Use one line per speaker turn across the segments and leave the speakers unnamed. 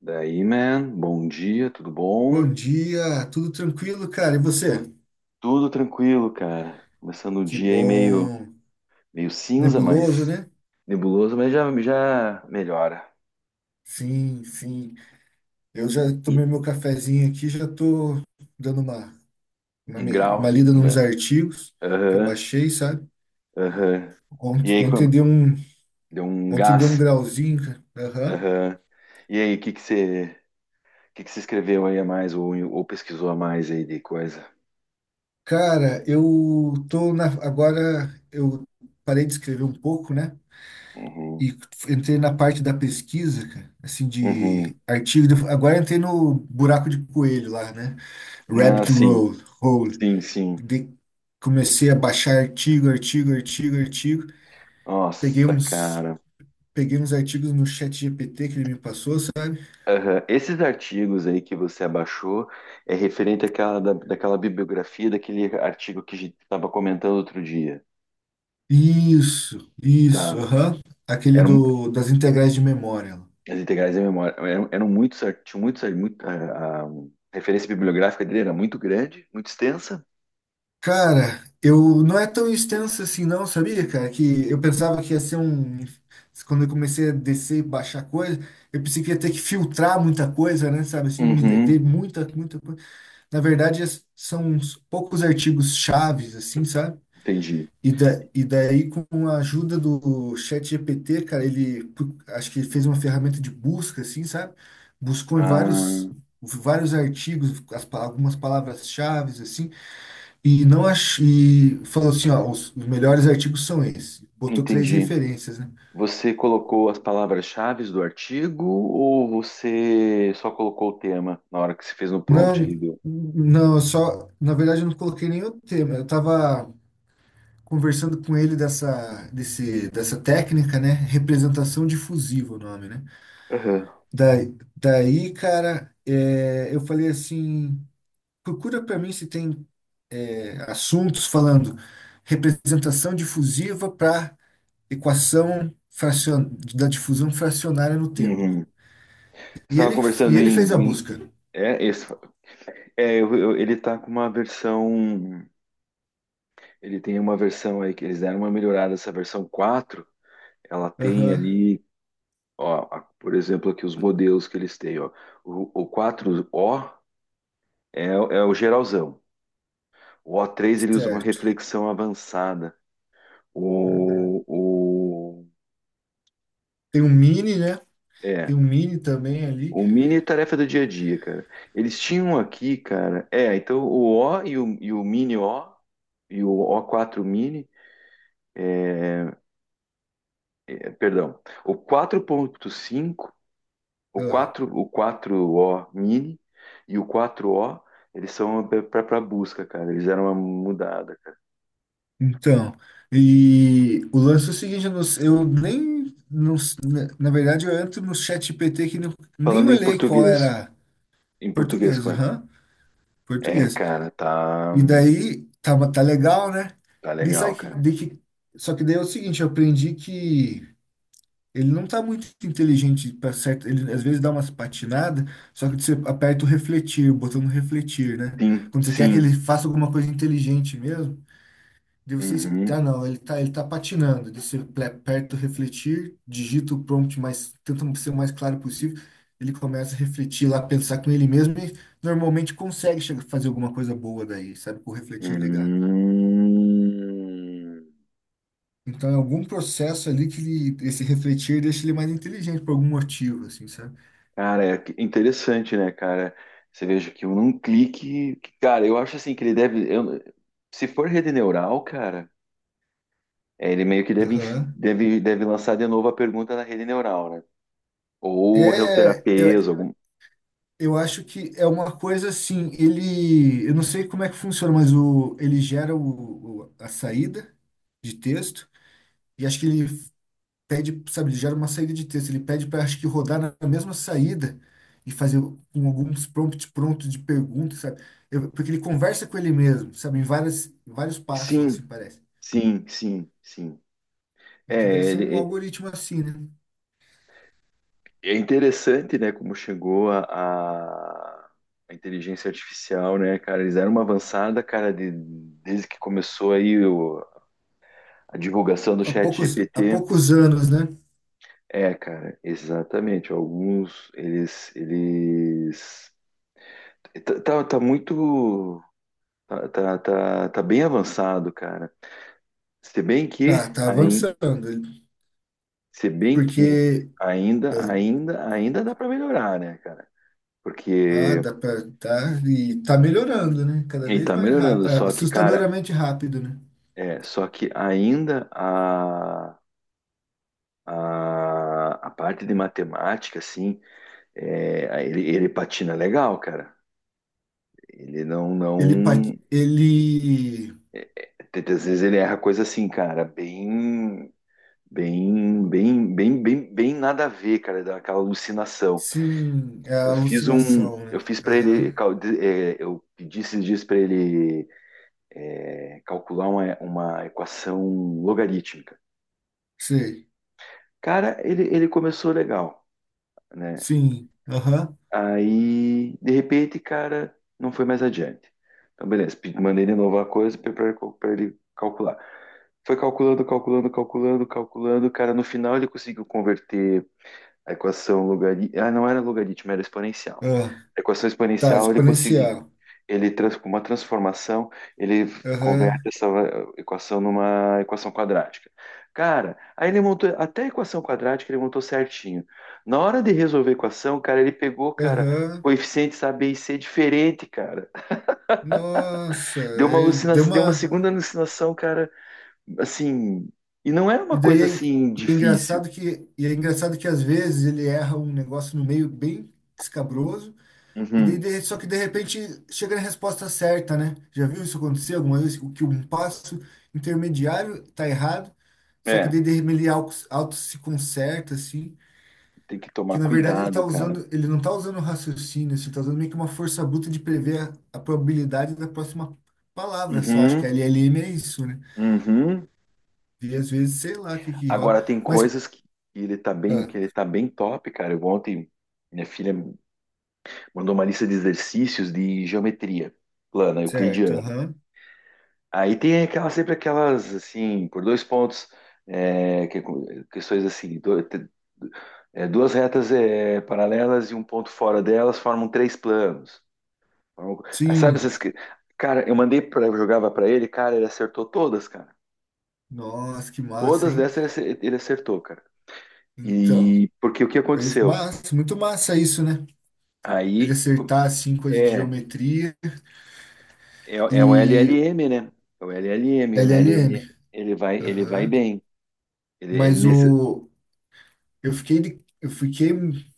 Daí, man, bom dia, tudo bom?
Bom dia, tudo tranquilo, cara? E você?
Tudo tranquilo, cara. Começando o
Que
dia aí meio,
bom.
meio cinza,
Nebuloso,
mas
né?
nebuloso, mas já melhora.
Sim. Eu já
E
tomei meu cafezinho aqui, já tô dando
um grau,
uma lida nos
né?
artigos que eu
Aham,
baixei, sabe?
aham. E
Ontem,
aí,
ontem
como-
deu um,
Deu um
ontem deu um
gás.
grauzinho, cara. Aham.
Aham. E aí, o que que você escreveu aí a mais, ou pesquisou a mais aí de coisa?
Cara, eu tô na, agora eu parei de escrever um pouco, né?
Uhum,
E entrei na parte da pesquisa, cara, assim,
uhum.
de artigo. Agora entrei no buraco de coelho lá, né?
Ah,
Rabbit
sim,
Roll, Hole.
sim, sim.
De- comecei a baixar artigo. Peguei
Nossa,
uns,
cara.
peguei uns artigos no chat GPT que ele me passou, sabe?
Aham. Esses artigos aí que você abaixou é referente àquela, da, daquela bibliografia, daquele artigo que a gente estava comentando outro dia,
Isso,
tá?
aham. Aquele
Eram,
do, das integrais de memória.
as integrais da memória eram, tinham muito, a referência bibliográfica dele era muito grande, muito extensa.
Cara, eu não é tão extenso assim não, sabia, cara? Que eu pensava que ia ser um... Quando eu comecei a descer e baixar coisa, eu pensei que ia ter que filtrar muita coisa, né? Sabe assim,
Uhum,
ver muita coisa. Na verdade, são uns poucos artigos chaves, assim, sabe?
entendi.
E daí, com a ajuda do ChatGPT, cara, acho que fez uma ferramenta de busca, assim, sabe? Buscou em vários,
Ah,
vários artigos, algumas palavras-chaves, assim, e não ach, e falou assim, ó, os melhores artigos são esses. Botou três
entendi.
referências, né?
Você colocou as palavras-chave do artigo, ou você só colocou o tema na hora que você fez no prompt
Não,
ali do...
não, eu só, na verdade, eu não coloquei nenhum tema. Eu tava conversando com ele dessa técnica, né? Representação difusiva, o nome, né?
Aham.
Daí cara, é, eu falei assim: procura para mim se tem é, assuntos falando representação difusiva para equação fracion, da difusão fracionária no tempo.
Uhum.
E
Estava
ele, e
conversando
ele
em,
fez a
em-
busca.
é, esse, ele tá com uma versão, ele tem uma versão aí que eles deram uma melhorada. Essa versão quatro, ela tem
Aham,
ali, ó, a- por exemplo, aqui os modelos que eles têm, ó. O quatro o é, é o geralzão. O três ele usa uma
certo.
reflexão avançada. O, o
Tem um mini, né?
é,
Tem um mini também ali.
o mini é tarefa do dia a dia, cara. Eles tinham aqui, cara, é, então o O, e o mini O, e o o quatro mini, é, perdão, o 4.5, o 4, o 4O mini e o 4O, eles são para busca, cara. Eles eram uma mudada, cara.
Então, e o lance é o seguinte, eu, não s- eu nem, não s- na na verdade, eu entro no chat GPT que nem
Falando em
olhei qual
português,
era
em português
português,
com ele.
aham,
É,
português.
cara, tá,
E daí, tá legal, né?
tá
Daí
legal,
sabe que,
cara.
daí que- só que daí é o seguinte, eu aprendi que ele não tá muito inteligente para certo, ele às vezes dá umas patinadas, só que você aperta o refletir, o botão do refletir, né?
Sim,
Quando você quer que
sim.
ele faça alguma coisa inteligente mesmo, de vocês,
Uhum.
ah, não, ele tá patinando. Deixa eu perto refletir, digita o prompt, mas tenta ser o mais claro possível. Ele começa a refletir lá, pensar com ele mesmo e normalmente consegue chegar, fazer alguma coisa boa daí, sabe? Com o
Hum.
refletir ligado. Então é algum processo ali que ele, esse refletir deixa ele mais inteligente por algum motivo, assim, sabe?
Interessante, né, cara? Você veja que num clique, que, cara, eu acho assim que ele deve, eu- se for rede neural, cara, é, ele meio que deve,
Aham.
deve lançar de novo a pergunta na rede neural, né? Ou
É,
reuterapias, algum.
eu acho que é uma coisa assim, ele, eu não sei como é que funciona, mas o, a saída de texto e acho que ele pede, sabe, ele gera uma saída de texto, ele pede para acho que rodar na na mesma saída e fazer com alguns prompts prontos de perguntas, sabe? Porque ele conversa com ele mesmo, sabe, em várias, em vários passos,
Sim,
assim parece.
sim. É,
Então deve ser um
ele, é,
algoritmo assim, né?
é interessante, né, como chegou a inteligência artificial, né, cara? Eles eram uma avançada, cara, desde que começou a divulgação do chat
Há
GPT.
poucos anos, né?
É, cara, exatamente. Alguns, eles... Tá, tá, tá muito... Tá, tá, tá, tá bem avançado, cara. Se bem
Tá,
que,
tá
aí,
avançando, ele-
se bem que
porque eh,
ainda dá para melhorar, né, cara? Porque
dá pra, tá, e tá melhorando, né? Cada
ele
vez
tá
mais rápido,
melhorando, só que, cara,
assustadoramente rápido, né?
é, só que ainda a parte de matemática, assim, é, ele patina legal, cara. Ele não,
Ele, pa-
não,
ele
é, é, tem- às vezes ele erra coisa assim, cara, bem nada a ver, cara, daquela alucinação.
Sim, é a alucinação,
Eu
né?
fiz para ele,
Aham.
é, eu pedi esses dias para ele é, calcular uma equação logarítmica.
Sei.
Cara, ele começou legal, né?
Sim. Aham.
Aí, de repente, cara, não foi mais adiante. Então, beleza, pe- mandei de novo a coisa para ele calcular. Foi calculando, calculando, calculando, calculando. Cara, no final ele conseguiu converter a equação logarítmica. Ah, não era logaritmo, era exponencial.
Ah,
A equação
tá,
exponencial ele conseguiu.
exponencial.
Ele trans, com uma transformação, ele converte
Aham.
essa equação numa equação quadrática. Cara, aí ele montou até a equação quadrática, ele montou certinho. Na hora de resolver a equação, cara, ele pegou, cara,
Aham.
coeficientes A, B e C diferente, cara.
Nossa,
Deu uma
é, deu
alucinação, deu uma
uma.
segunda alucinação, cara, assim, e não era
E
uma
daí
coisa
é,
assim
e é
difícil.
engraçado que às vezes ele erra um negócio no meio bem escabroso
Uhum.
só que de repente chega na resposta certa, né? Já viu isso acontecer alguma vez? O que um passo intermediário tá errado, só que
É,
daí de repente ele auto se conserta assim.
tem que tomar
Que na verdade ele tá
cuidado, cara.
usando, ele não está usando raciocínio, assim, tá usando meio que uma força bruta de prever a probabilidade da próxima palavra só. Acho que
Uhum.
LLM é isso, né?
Uhum.
E às vezes, sei lá o que que rola.
Agora tem
Mas,
coisas que ele tá bem, que
ah,
ele tá bem top, cara. Eu ontem minha filha mandou uma lista de exercícios de geometria plana,
certo,
euclidiana.
aham.
Aí tem aquela sempre aquelas assim, por dois pontos, é, que- questões assim, é, duas retas é, paralelas e um ponto fora delas formam três planos. Formam- ah, sabe
Sim.
essas que... Cara, eu mandei para jogava para ele, cara, ele acertou todas, cara.
Nossa, que massa,
Todas
hein?
dessas ele ace- ele acertou, cara.
Então,
E porque o que aconteceu?
massa, muito massa isso, né? Ele
Aí
acertar, assim, coisa de
é,
geometria
é, é o
e
LLM, né? É o LLM, o
LLM.
LLM, ele vai
Aham.
bem. Ele
Mas
nesse...
o, eu fiquei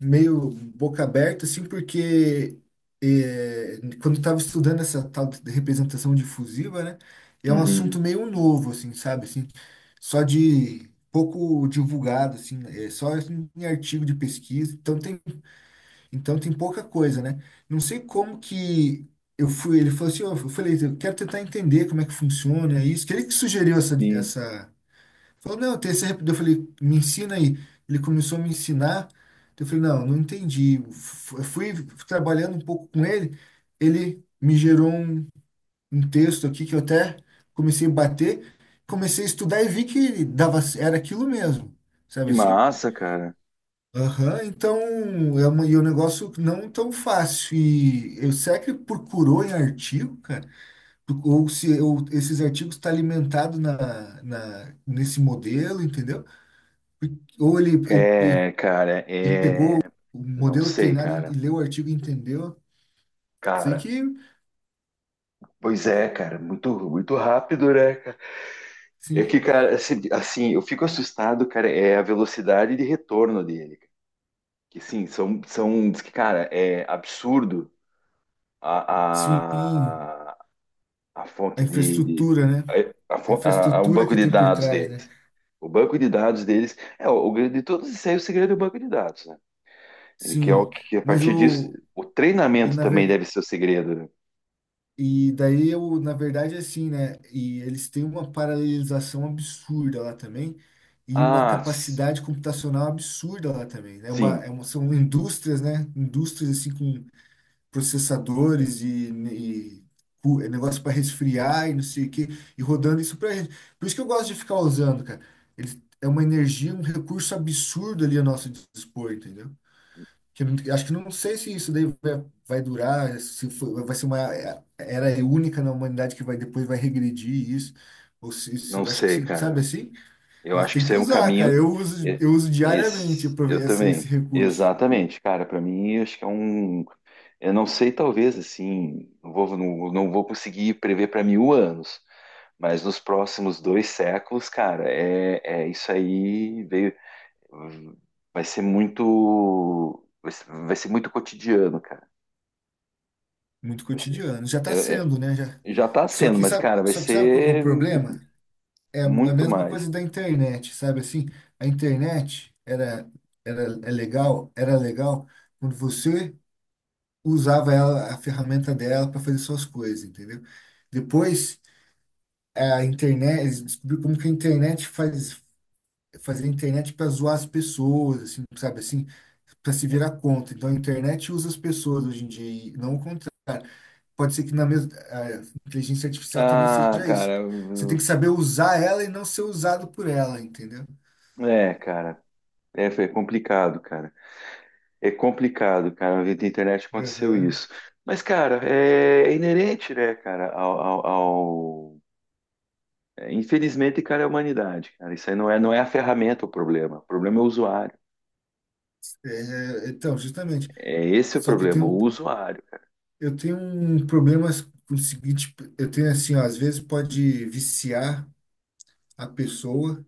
meio boca aberta, assim, porque eh, quando eu estava estudando essa tal de representação difusiva, né, é um assunto
Uhum,
meio novo, assim, sabe, assim, só de pouco divulgado, assim, é só em artigo de pesquisa, então tem pouca coisa, né? Não sei como que eu fui, ele falou assim, ó, eu falei, eu quero tentar entender como é que funciona isso, que ele que sugeriu
sim.
essa falou, não, tem essa eu falei, me ensina aí. Ele começou a me ensinar. Eu falei, não entendi. Fui trabalhando um pouco com ele. Ele me gerou um, um texto aqui que eu até comecei a bater. Comecei a estudar e vi que dava, era aquilo mesmo.
Que
Sabe assim?
massa, cara.
Aham, então é, uma, e é um negócio não tão fácil. E eu será que procurou em artigo, cara? Ou se esses artigos estão tá alimentados nesse modelo, entendeu? Ou ele,
É, cara,
ele pegou
é.
o
Não
modelo
sei,
treinado e
cara.
leu o artigo e entendeu. Sei
Cara,
que,
pois é, cara, muito, muito rápido, né, cara? É que,
sim,
cara, assim, assim, eu fico assustado, cara, é a velocidade de retorno dele. Que sim, são, são, diz que, cara, é absurdo
sim,
a, a- a
a
fonte
infraestrutura, né?
a,
A
o
infraestrutura
banco
que
de
tem por
dados
trás, né?
deles. O banco de dados deles é o grande de todos, isso aí é o segredo do banco de dados, né? E que é o
Sim,
que a
mas
partir disso
o.
o
E,
treinamento
na
também
ver,
deve ser o segredo, né?
e daí, eu, na verdade, é assim, né? E eles têm uma paralelização absurda lá também e uma
Ah, s-
capacidade computacional absurda lá também. Né?
sim,
É uma, são indústrias, né? Indústrias, assim, com processadores e é negócio para resfriar e não sei o quê, e rodando isso para gente. Por isso que eu gosto de ficar usando, cara. Eles, é uma energia, um recurso absurdo ali a nosso dispor, entendeu? Que eu não- acho que não sei se isso daí vai, vai durar, se foi- vai ser uma era única na humanidade que vai depois vai regredir isso. Ou se,
não
isso, acho que
sei,
se, sabe
cara.
assim?
Eu
Mas
acho que
tem
isso
que
é um
usar, cara.
caminho. e-
Eu uso diariamente
Esse, eu
essa,
também.
esse recurso.
Exatamente, cara. Para mim, eu acho que é um. Eu não sei, talvez assim, não vou, não vou conseguir prever para 1000 anos, mas nos próximos 2 séculos, cara, é, é isso aí veio, vai ser muito cotidiano, cara.
Muito
Vai ser-
cotidiano. Já está
é- é-
sendo, né? Já...
já está sendo, mas, cara, vai
Só que sabe qual que é o
ser
problema? É a a
muito
mesma
mais.
coisa da internet, sabe assim? A internet era, era é legal, era legal quando você usava ela, a ferramenta dela para fazer suas coisas, entendeu? Depois a internet, eles descobriram como que a internet faz fazer a internet para zoar as pessoas, assim, sabe assim, para se virar contra. Então a internet usa as pessoas hoje em dia, e não o contrário pode ser que na mesma a inteligência artificial também
Ah,
seja isso. Você tem que saber usar ela e não ser usado por ela, entendeu?
cara, é, foi complicado, cara. É complicado, cara. Na vida da internet aconteceu
Aham.
isso. Mas, cara, é, é inerente, né, cara, ao- é, infelizmente, cara, é a humanidade, cara. Isso aí não é a ferramenta o problema. O problema é o usuário.
É, então, justamente.
É esse o
Só que tem
problema,
um,
o usuário.
eu tenho um problema com o seguinte, eu tenho assim, ó, às vezes pode viciar a pessoa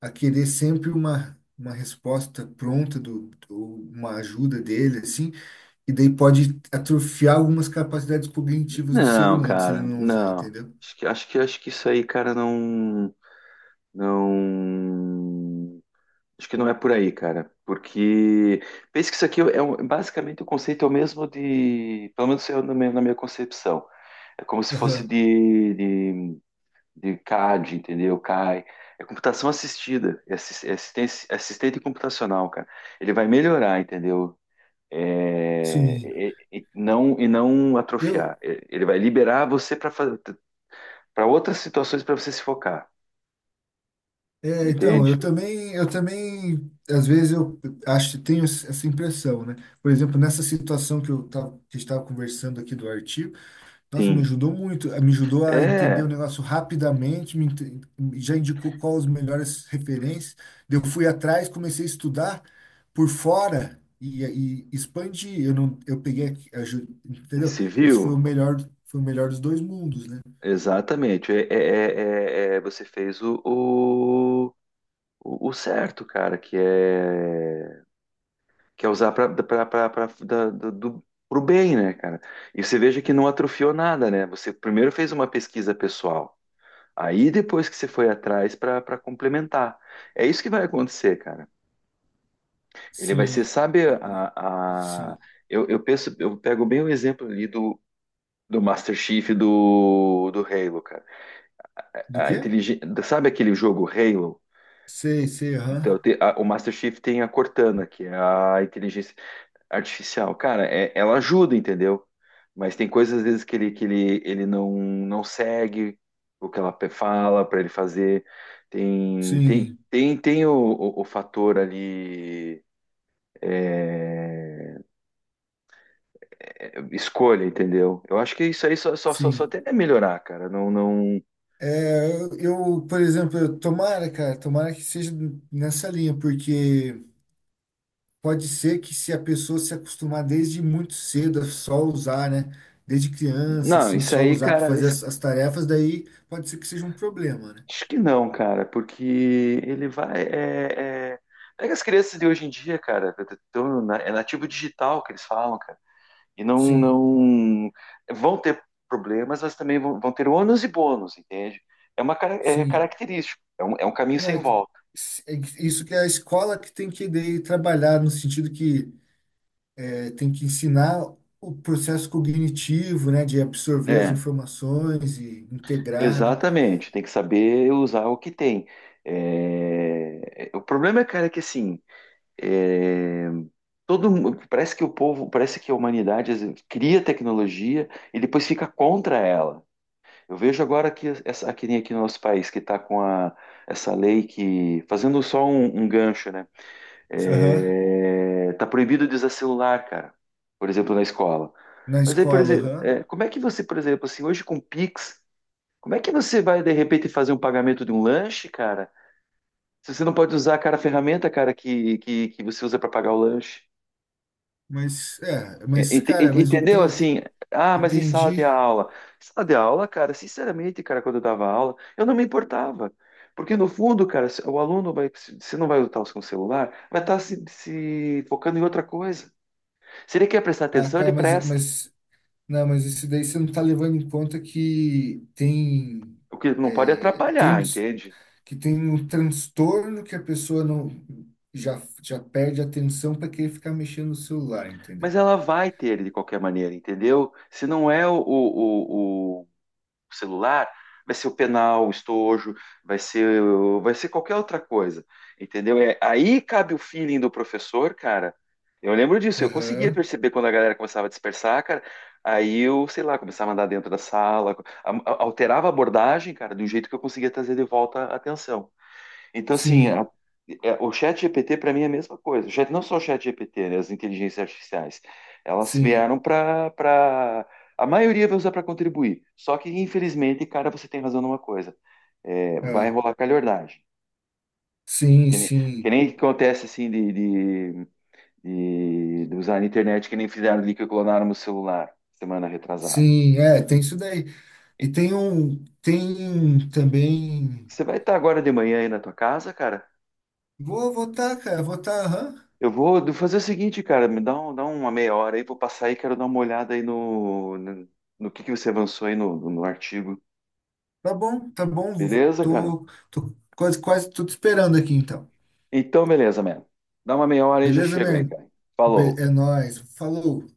a querer sempre uma resposta pronta do, ou uma ajuda dele assim, e daí pode atrofiar algumas capacidades cognitivas do ser
Não,
humano se ele
cara,
não usar,
não.
entendeu?
Acho que isso aí, cara, não, não. Acho que não é por aí, cara. Porque pensa que isso aqui é um- basicamente o conceito é o mesmo de, pelo menos eu, na minha concepção. É como se fosse
Aham.
de CAD, entendeu? CAI. É computação assistida, é assistente computacional, cara. Ele vai melhorar, entendeu?
Sim.
E não atrofiar.
Eu,
É, ele vai liberar você para outras situações para você se focar,
é, então,
entende?
eu também, às vezes eu acho, tenho essa impressão, né? Por exemplo, nessa situação que eu tava, que estava conversando aqui do artigo, nossa, me
Sim.
ajudou muito, eh, me ajudou a entender o
É,
negócio rapidamente, já indicou quais as melhores referências. Daí eu fui atrás, comecei a estudar por fora e expandi. Eu não, eu peguei, aqui, aju- entendeu? Isso
civil,
foi o melhor dos dois mundos, né?
exatamente. É, você fez o certo, cara, que é quer usar para o bem, né, cara? E você veja que não atrofiou nada, né? Você primeiro fez uma pesquisa pessoal. Aí depois que você foi atrás para complementar. É isso que vai acontecer, cara. Ele vai ser,
Sim,
sabe,
sim.
eu penso, eu pego bem o exemplo ali do Master Chief do Halo, cara.
Do
A
quê?
inteligência, sabe aquele jogo Halo?
Sei,
Então,
aham.
o Master Chief tem a Cortana, que é a inteligência artificial. Cara, é- ela ajuda, entendeu? Mas tem coisas às vezes ele não, não segue o que ela pe- fala para ele fazer.
Sim,
Tem o fator ali é, é, escolha, entendeu? Eu acho que isso aí só
sim.
tende a melhorar, cara. Não, não,
É, eu, por exemplo, tomara, cara, tomara que seja nessa linha, porque pode ser que se a pessoa se acostumar desde muito cedo a só usar, né? Desde criança,
não,
assim,
isso
só
aí,
usar para
cara,
fazer
es-
as tarefas, daí pode ser que seja um problema, né?
acho que não, cara, porque ele vai. É, é... Pega as crianças de hoje em dia, cara, tão na- é nativo digital que eles falam, cara.
Sim,
Não vão ter problemas, mas também vão ter ônus e bônus, entende? É uma cara- é
sim.
característico, é um caminho
Não,
sem volta.
é que isso que é a escola que tem que daí, trabalhar, no sentido que é, tem que ensinar o processo cognitivo, né? De absorver as
É,
informações e integrar, né?
exatamente. Tem que saber usar o que tem. É, é, o problema, cara, é que assim, é, todo mu- parece que o povo, parece que a humanidade às vezes cria tecnologia e depois fica contra ela. Eu vejo agora que essa aqui, aqui no nosso país que está com a, essa lei que fazendo só um, um gancho, né?
Aham,
É, tá proibido de usar celular, cara. Por exemplo, na escola.
na
Mas aí, por
escola,
exemplo,
aham.
é, como é que você, por exemplo, assim, hoje com Pix, como é que você vai de repente fazer um pagamento de um lanche, cara? Se você não pode usar, cara, a ferramenta, cara, que você usa para pagar o lanche.
Mas, é, mas, cara, mas eu
Entendeu?
tenho.
Assim, ah, mas em sala de
Entendi.
aula. Sala de aula, cara, sinceramente, cara, quando eu dava aula, eu não me importava. Porque no fundo, cara, se- o aluno vai, se se não vai lutar com o celular, vai estar se focando em outra coisa. Se ele quer prestar
Ah,
atenção, ele
cara, mas,
presta.
mas. Não, mas isso daí você não tá levando em conta que tem.
O que não pode
É,
atrapalhar,
trans,
entende?
que tem um transtorno que a pessoa não. Já perde a atenção para querer ficar mexendo no celular, entendeu?
Mas ela vai ter ele de qualquer maneira, entendeu? Se não é o celular, vai ser o penal, o estojo, vai ser, vai ser qualquer outra coisa, entendeu? É, aí cabe o feeling do professor, cara. Eu lembro disso, eu conseguia
Aham,
perceber quando a galera começava a dispersar, cara. Aí eu, sei lá, começava a andar dentro da sala, alterava a abordagem, cara, de um jeito que eu conseguia trazer de volta a atenção. Então, assim,
sim,
é, o chat GPT para mim é a mesma coisa. O chat, não só o chat GPT, né, as inteligências artificiais. Elas
sim.
vieram para... a maioria vai usar para contribuir. Só que, infelizmente, cara, você tem razão numa coisa. É, vai
Ah,
rolar calhordagem.
sim,
Que nem, que
sim.
nem acontece, assim, de usar a internet, que nem fizeram ali que clonaram o celular semana retrasada.
Sim, é, tem isso daí. E
E
tem um. Tem um também.
você vai estar agora de manhã aí na tua casa, cara?
Vou votar, cara, votar, aham.
Eu vou do- fazer o seguinte, cara, me dá, um- dá uma meia hora aí, vou passar aí, quero dar uma olhada aí no que você avançou aí no, no no artigo.
Tá bom, tá bom.
Beleza, cara?
Tô, tô quase, quase tudo esperando aqui, então.
Então, beleza, mano. Dá uma meia hora aí, já
Beleza,
chego aí,
man?
cara.
Be-
Falou.
é nóis. Falou.